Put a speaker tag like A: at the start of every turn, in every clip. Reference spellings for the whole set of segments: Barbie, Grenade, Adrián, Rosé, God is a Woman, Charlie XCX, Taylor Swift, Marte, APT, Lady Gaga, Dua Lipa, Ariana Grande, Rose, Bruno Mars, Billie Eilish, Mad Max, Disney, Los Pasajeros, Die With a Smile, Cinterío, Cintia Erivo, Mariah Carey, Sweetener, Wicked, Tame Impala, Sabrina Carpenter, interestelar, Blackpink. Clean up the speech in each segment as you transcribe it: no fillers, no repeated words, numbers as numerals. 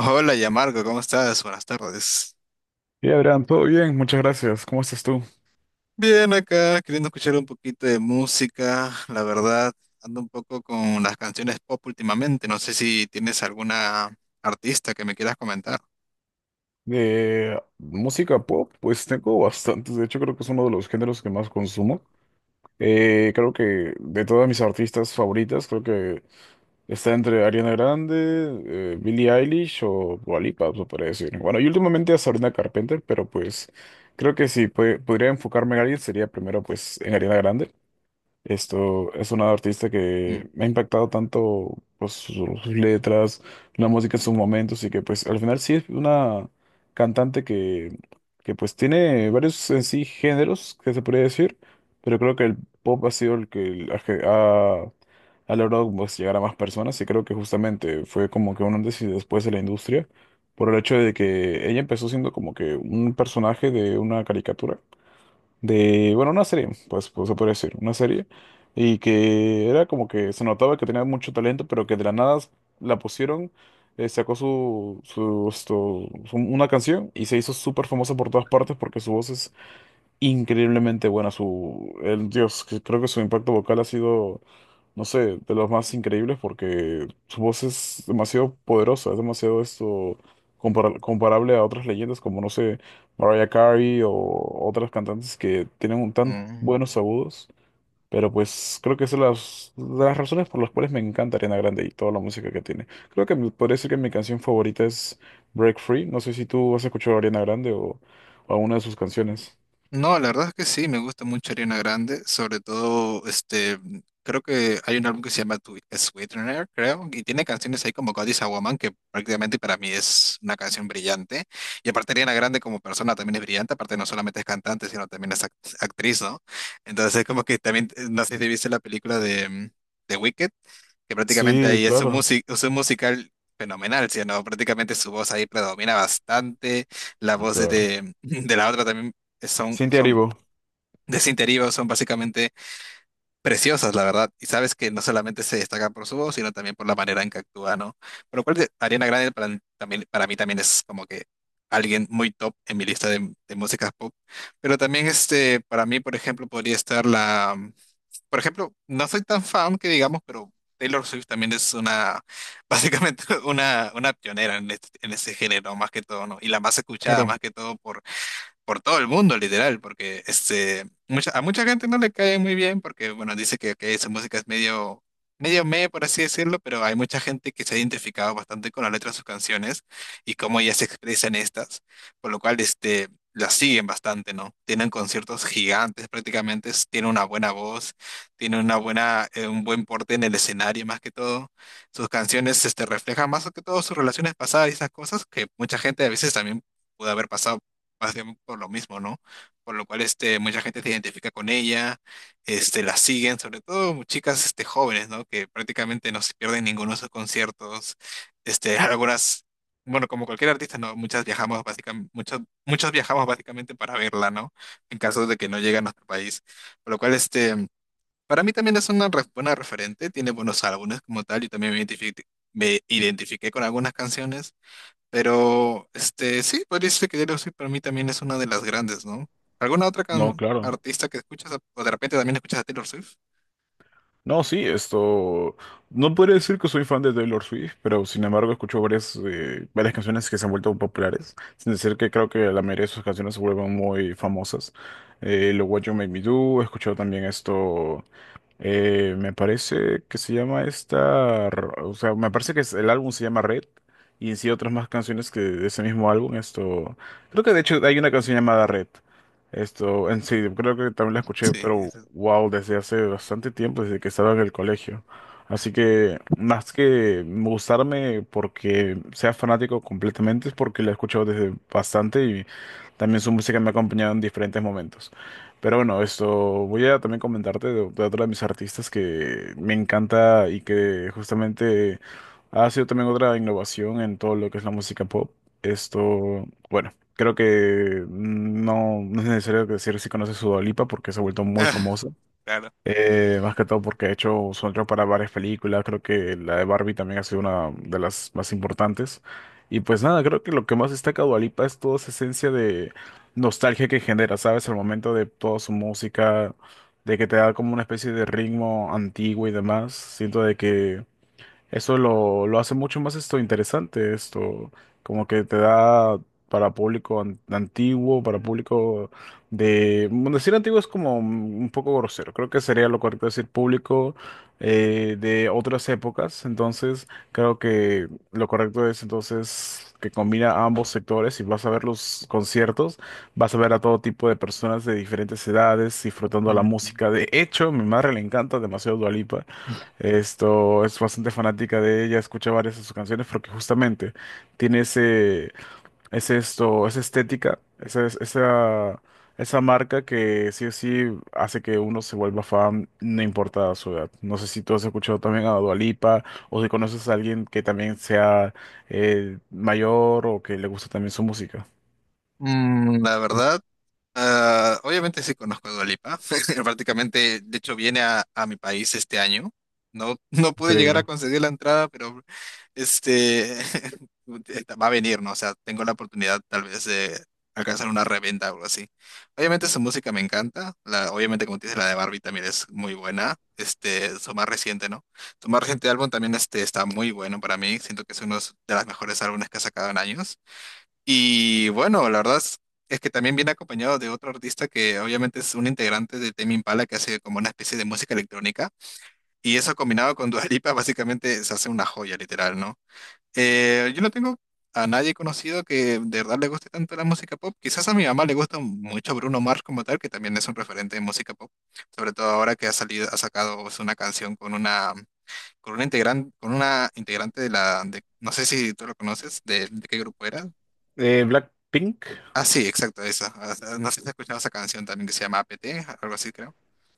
A: Hola, Yamarco, ¿cómo estás? Buenas tardes.
B: Hey Adrián, todo bien, muchas gracias. ¿Cómo estás tú?
A: Bien acá, queriendo escuchar un poquito de música. La verdad, ando un poco con las canciones pop últimamente. No sé si tienes alguna artista que me quieras comentar.
B: De música pop, pues tengo bastantes. De hecho, creo que es uno de los géneros que más consumo. Creo que de todas mis artistas favoritas, creo que está entre Ariana Grande, Billie Eilish o Dua Lipa, se podría decir. Bueno, y últimamente a Sabrina Carpenter, pero pues creo que si podría enfocarme en alguien sería primero pues en Ariana Grande. Esto es una artista
A: Mm.
B: que me ha impactado tanto pues, sus, letras, la música en sus momentos y que pues al final sí es una cantante que pues tiene varios en sí géneros que se podría decir, pero creo que el pop ha sido el que ha, ha- ha logrado pues, llegar a más personas y creo que justamente fue como que un antes y después de la industria por el hecho de que ella empezó siendo como que un personaje de una caricatura de, bueno, una serie, pues, pues se podría decir, una serie, y que era como que se notaba que tenía mucho talento, pero que de la nada la pusieron, sacó una canción y se hizo súper famosa por todas partes porque su voz es increíblemente buena su el Dios, que creo que su impacto vocal ha sido, no sé, de los más increíbles porque su voz es demasiado poderosa, es demasiado esto comparable a otras leyendas como no sé, Mariah Carey o otras cantantes que tienen un tan
A: mm.
B: buenos agudos, pero pues creo que es de las razones por las cuales me encanta Ariana Grande y toda la música que tiene. Creo que podría decir que mi canción favorita es Break Free, no sé si tú has escuchado a Ariana Grande o alguna de sus canciones.
A: No, la verdad es que sí, me gusta mucho Ariana Grande, sobre todo, creo que hay un álbum que se llama Sweetener, creo, y tiene canciones ahí como God is a Woman, que prácticamente para mí es una canción brillante, y aparte Ariana Grande como persona también es brillante, aparte no solamente es cantante, sino también es actriz, ¿no? Entonces es como que también, no sé si viste la película de, de Wicked, que prácticamente
B: Sí,
A: ahí es
B: claro,
A: es un musical fenomenal, ¿sí o no? Prácticamente su voz ahí predomina bastante, las voces
B: claro.
A: de, de la otra también son,
B: Cintia
A: son
B: Erivo.
A: de Cinterío, son básicamente preciosas, la verdad. Y sabes que no solamente se destacan por su voz, sino también por la manera en que actúa, ¿no? Por lo cual Ariana Grande para, también, para mí también es como que alguien muy top en mi lista de músicas pop. Pero también este, para mí, por ejemplo, podría estar la por ejemplo, no soy tan fan que digamos, pero Taylor Swift también es una, básicamente una pionera en en ese género, más que todo, ¿no? Y la más escuchada,
B: Claro.
A: más que todo, por todo el mundo, literal, porque este, mucha, a mucha gente no le cae muy bien porque, bueno, dice que esa música es medio, medio meh, por así decirlo, pero hay mucha gente que se ha identificado bastante con la letra de sus canciones y cómo ellas se expresan estas, por lo cual, este, las siguen bastante, ¿no? Tienen conciertos gigantes prácticamente, tienen una buena voz, tienen una buena, un buen porte en el escenario más que todo. Sus canciones, este, reflejan más que todo sus relaciones pasadas y esas cosas que mucha gente a veces también pudo haber pasado más bien por lo mismo, ¿no? Por lo cual este, mucha gente se identifica con ella, este, la siguen, sobre todo chicas este, jóvenes, ¿no? Que prácticamente no se pierden ninguno de sus conciertos. Este, algunas, bueno, como cualquier artista, ¿no? Muchas viajamos básicamente, muchos viajamos básicamente para verla, ¿no? En caso de que no llegue a nuestro país. Por lo cual, este, para mí también es una buena referente, tiene buenos álbumes como tal, y también me me identifiqué con algunas canciones, pero, este, sí, podría decirse que Taylor Swift para mí también es una de las grandes, ¿no? ¿Alguna otra
B: No, claro.
A: artista que escuchas o de repente también escuchas a Taylor Swift?
B: No, sí, esto... No podría decir que soy fan de Taylor Swift, pero sin embargo escucho varias, varias canciones que se han vuelto populares, sin decir que creo que la mayoría de sus canciones se vuelven muy famosas. Lo What You Make Me Do, he escuchado también esto... Me parece que se llama esta, o sea, me parece que el álbum se llama Red y en sí otras más canciones que de ese mismo álbum, esto, creo que de hecho hay una canción llamada Red, esto, en sí, creo que también la escuché,
A: Sí.
B: pero wow, desde hace bastante tiempo, desde que estaba en el colegio, así que más que gustarme porque sea fanático completamente es porque la he escuchado desde bastante y también su música me ha acompañado en diferentes momentos. Pero bueno, esto voy a también comentarte de otra de mis artistas que me encanta y que justamente ha sido también otra innovación en todo lo que es la música pop. Esto, bueno, creo que no, no es necesario decir si conoces su Dua Lipa porque se ha vuelto muy famosa.
A: Claro.
B: Más que todo porque he hecho soundtrack para varias películas, creo que la de Barbie también ha sido una de las más importantes. Y pues nada, creo que lo que más destaca Dua Lipa es toda esa esencia de nostalgia que genera, ¿sabes? Al momento de toda su música, de que te da como una especie de ritmo antiguo y demás. Siento de que eso lo hace mucho más esto interesante, esto como que te da para público antiguo, para público de... Bueno, decir antiguo es como un poco grosero, creo que sería lo correcto decir público de otras épocas, entonces creo que lo correcto es entonces que combina ambos sectores y vas a ver los conciertos, vas a ver a todo tipo de personas de diferentes edades disfrutando la
A: Mm,
B: música. De hecho, a mi madre le encanta demasiado Dua Lipa. Esto es bastante fanática de ella, escucha varias de sus canciones porque justamente tiene ese, esa estética, esa marca que sí o sí hace que uno se vuelva fan, no importa su edad. No sé si tú has escuchado también a Dua Lipa o si conoces a alguien que también sea mayor o que le guste también su música.
A: Verdad, Ah, obviamente sí conozco a Dua Lipa. Prácticamente, de hecho, viene a mi país este año. No, no pude llegar a
B: Increíble.
A: conseguir la entrada, pero este va a venir, ¿no? O sea, tengo la oportunidad tal vez de alcanzar una reventa o algo así. Obviamente su música me encanta. La, obviamente, como te dice, la de Barbie también es muy buena. Este, su más reciente, ¿no? Su más reciente álbum también este, está muy bueno para mí. Siento que es uno de los mejores álbumes que ha sacado en años. Y bueno, es que también viene acompañado de otro artista que obviamente es un integrante de Tame Impala que hace como una especie de música electrónica. Y eso combinado con Dua Lipa básicamente se hace una joya literal, ¿no? Yo no tengo a nadie conocido que de verdad le guste tanto la música pop. Quizás a mi mamá le gusta mucho Bruno Mars como tal, que también es un referente de música pop. Sobre todo ahora que ha salido, ha sacado pues, una canción con una integrante de no sé si tú lo conoces, de qué grupo era,
B: Blackpink,
A: Ah, sí, exacto, esa. Ah, ah, No sé si has escuchado esa canción también que se llama APT, algo así creo.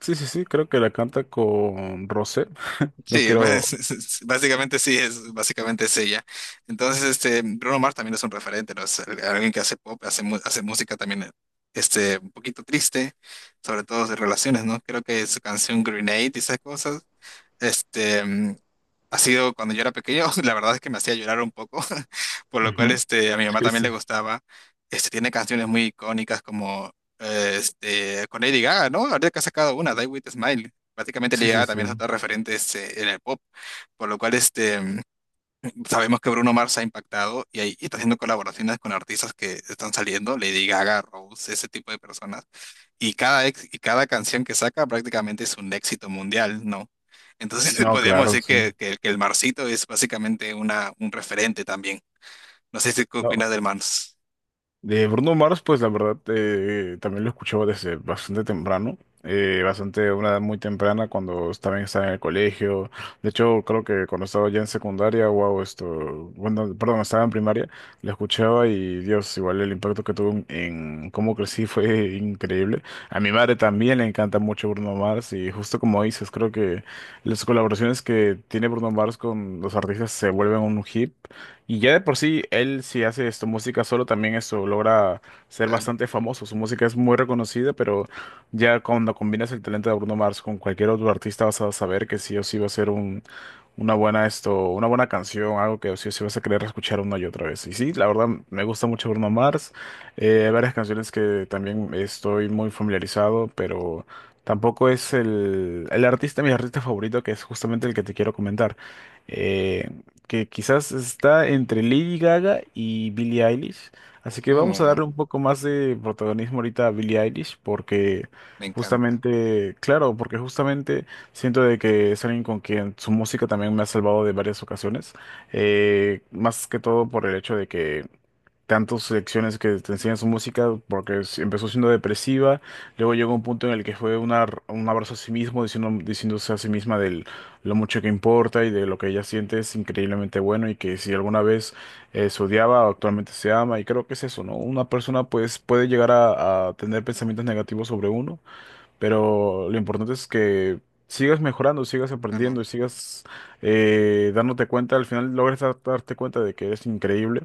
B: sí, sí, sí, creo que la canta con Rosé. No
A: Sí,
B: quiero.
A: básicamente sí, es, básicamente es ella. Entonces, este, Bruno Mars también es un referente, ¿no? Es alguien que hace pop, hace, hace música también, este, un poquito triste, sobre todo de relaciones, ¿no? Creo que su canción Grenade y esas cosas, este, ha sido cuando yo era pequeño, la verdad es que me hacía llorar un poco, por lo cual
B: Ujú.
A: este, a mi mamá
B: Sí,
A: también
B: sí,
A: le gustaba. Este, tiene canciones muy icónicas como este, con Lady Gaga, ¿no? Ahorita que ha sacado una, Die With a Smile. Prácticamente
B: sí,
A: Lady
B: sí,
A: Gaga
B: sí.
A: también es otra referente este, en el pop, por lo cual este, sabemos que Bruno Mars ha impactado y está haciendo colaboraciones con artistas que están saliendo, Lady Gaga, Rose, ese tipo de personas. Y y cada canción que saca prácticamente es un éxito mundial, ¿no? Entonces
B: No,
A: podríamos
B: claro,
A: decir
B: sí.
A: que, que el Marsito es básicamente una, un referente también. No sé si qué
B: No.
A: opinas del Mars.
B: De Bruno Mars, pues la verdad, también lo escuchaba desde bastante temprano, bastante, una edad muy temprana, cuando también estaba en el colegio. De hecho, creo que cuando estaba ya en secundaria, wow, esto, bueno, perdón, estaba en primaria, lo escuchaba y Dios, igual el impacto que tuvo en cómo crecí fue increíble. A mi madre también le encanta mucho Bruno Mars y justo como dices, creo que las colaboraciones que tiene Bruno Mars con los artistas se vuelven un hit. Y ya de por sí, él si hace esto, música solo, también eso logra ser
A: Claro.
B: bastante famoso. Su música es muy reconocida, pero ya cuando combinas el talento de Bruno Mars con cualquier otro artista vas a saber que sí o sí va a ser un, una buena esto, una buena canción, algo que sí o sí vas a querer escuchar una y otra vez. Y sí, la verdad me gusta mucho Bruno Mars. Hay varias canciones que también estoy muy familiarizado, pero tampoco es el artista, mi artista favorito, que es justamente el que te quiero comentar. Eh, que quizás está entre Lady Gaga y Billie Eilish. Así que vamos a
A: Oh,
B: darle un poco más de protagonismo ahorita a Billie Eilish porque
A: me encanta.
B: justamente, claro, porque justamente siento de que es alguien con quien su música también me ha salvado de varias ocasiones. Más que todo por el hecho de que tantas secciones que te enseñan su música, porque empezó siendo depresiva, luego llegó un punto en el que fue una, un abrazo a sí mismo, diciendo, diciéndose a sí misma de lo mucho que importa y de lo que ella siente es increíblemente bueno y que si alguna vez se odiaba, actualmente se ama, y creo que es eso, ¿no? Una persona pues puede llegar a tener pensamientos negativos sobre uno, pero lo importante es que sigas mejorando, sigas
A: Ah, no.
B: aprendiendo y sigas dándote cuenta. Al final logres darte cuenta de que eres increíble.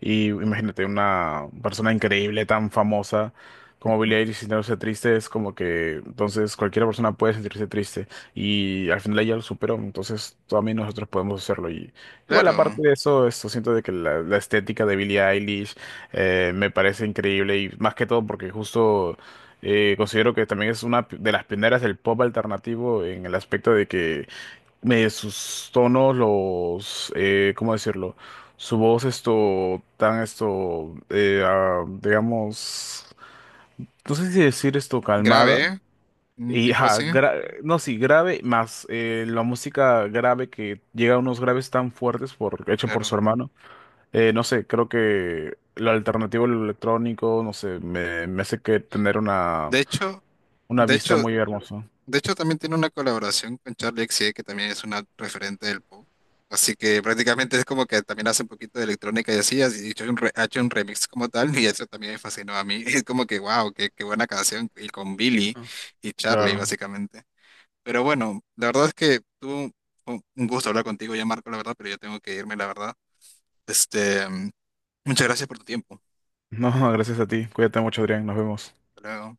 B: Y imagínate, una persona increíble, tan famosa como
A: Ujú.
B: Billie Eilish sintiéndose triste, es como que entonces cualquier persona puede sentirse triste. Y al final ella lo superó, entonces también nosotros podemos hacerlo. Y igual,
A: Claro,
B: aparte de eso, esto siento de que la estética de Billie Eilish me parece increíble y más que todo porque justo. Considero que también es una de las pioneras del pop alternativo en el aspecto de que sus tonos, los, ¿cómo decirlo? Su voz, esto, tan, esto, digamos, no sé si decir esto calmada.
A: grave, ¿eh? Un
B: Y,
A: tipo
B: ajá,
A: así,
B: no, sí, grave, más la música grave que llega a unos graves tan fuertes por, hecho por su
A: claro.
B: hermano. No sé, creo que lo alternativo, lo electrónico, no sé, me hace que tener
A: De hecho,
B: una
A: de
B: vista
A: hecho,
B: muy hermosa,
A: de hecho, también tiene una colaboración con Charlie XCX, que también es una referente del pop. Así que prácticamente es como que también hace un poquito de electrónica y así, ha hecho ha hecho un remix como tal, y eso también me fascinó a mí. Es como que, wow, qué, qué buena canción, y con Billy y Charlie,
B: claro.
A: básicamente. Pero bueno, la verdad es que tuvo un gusto hablar contigo ya, Marco, la verdad, pero yo tengo que irme, la verdad. Este, muchas gracias por tu tiempo.
B: No, gracias a ti. Cuídate mucho, Adrián. Nos vemos.
A: Hasta luego.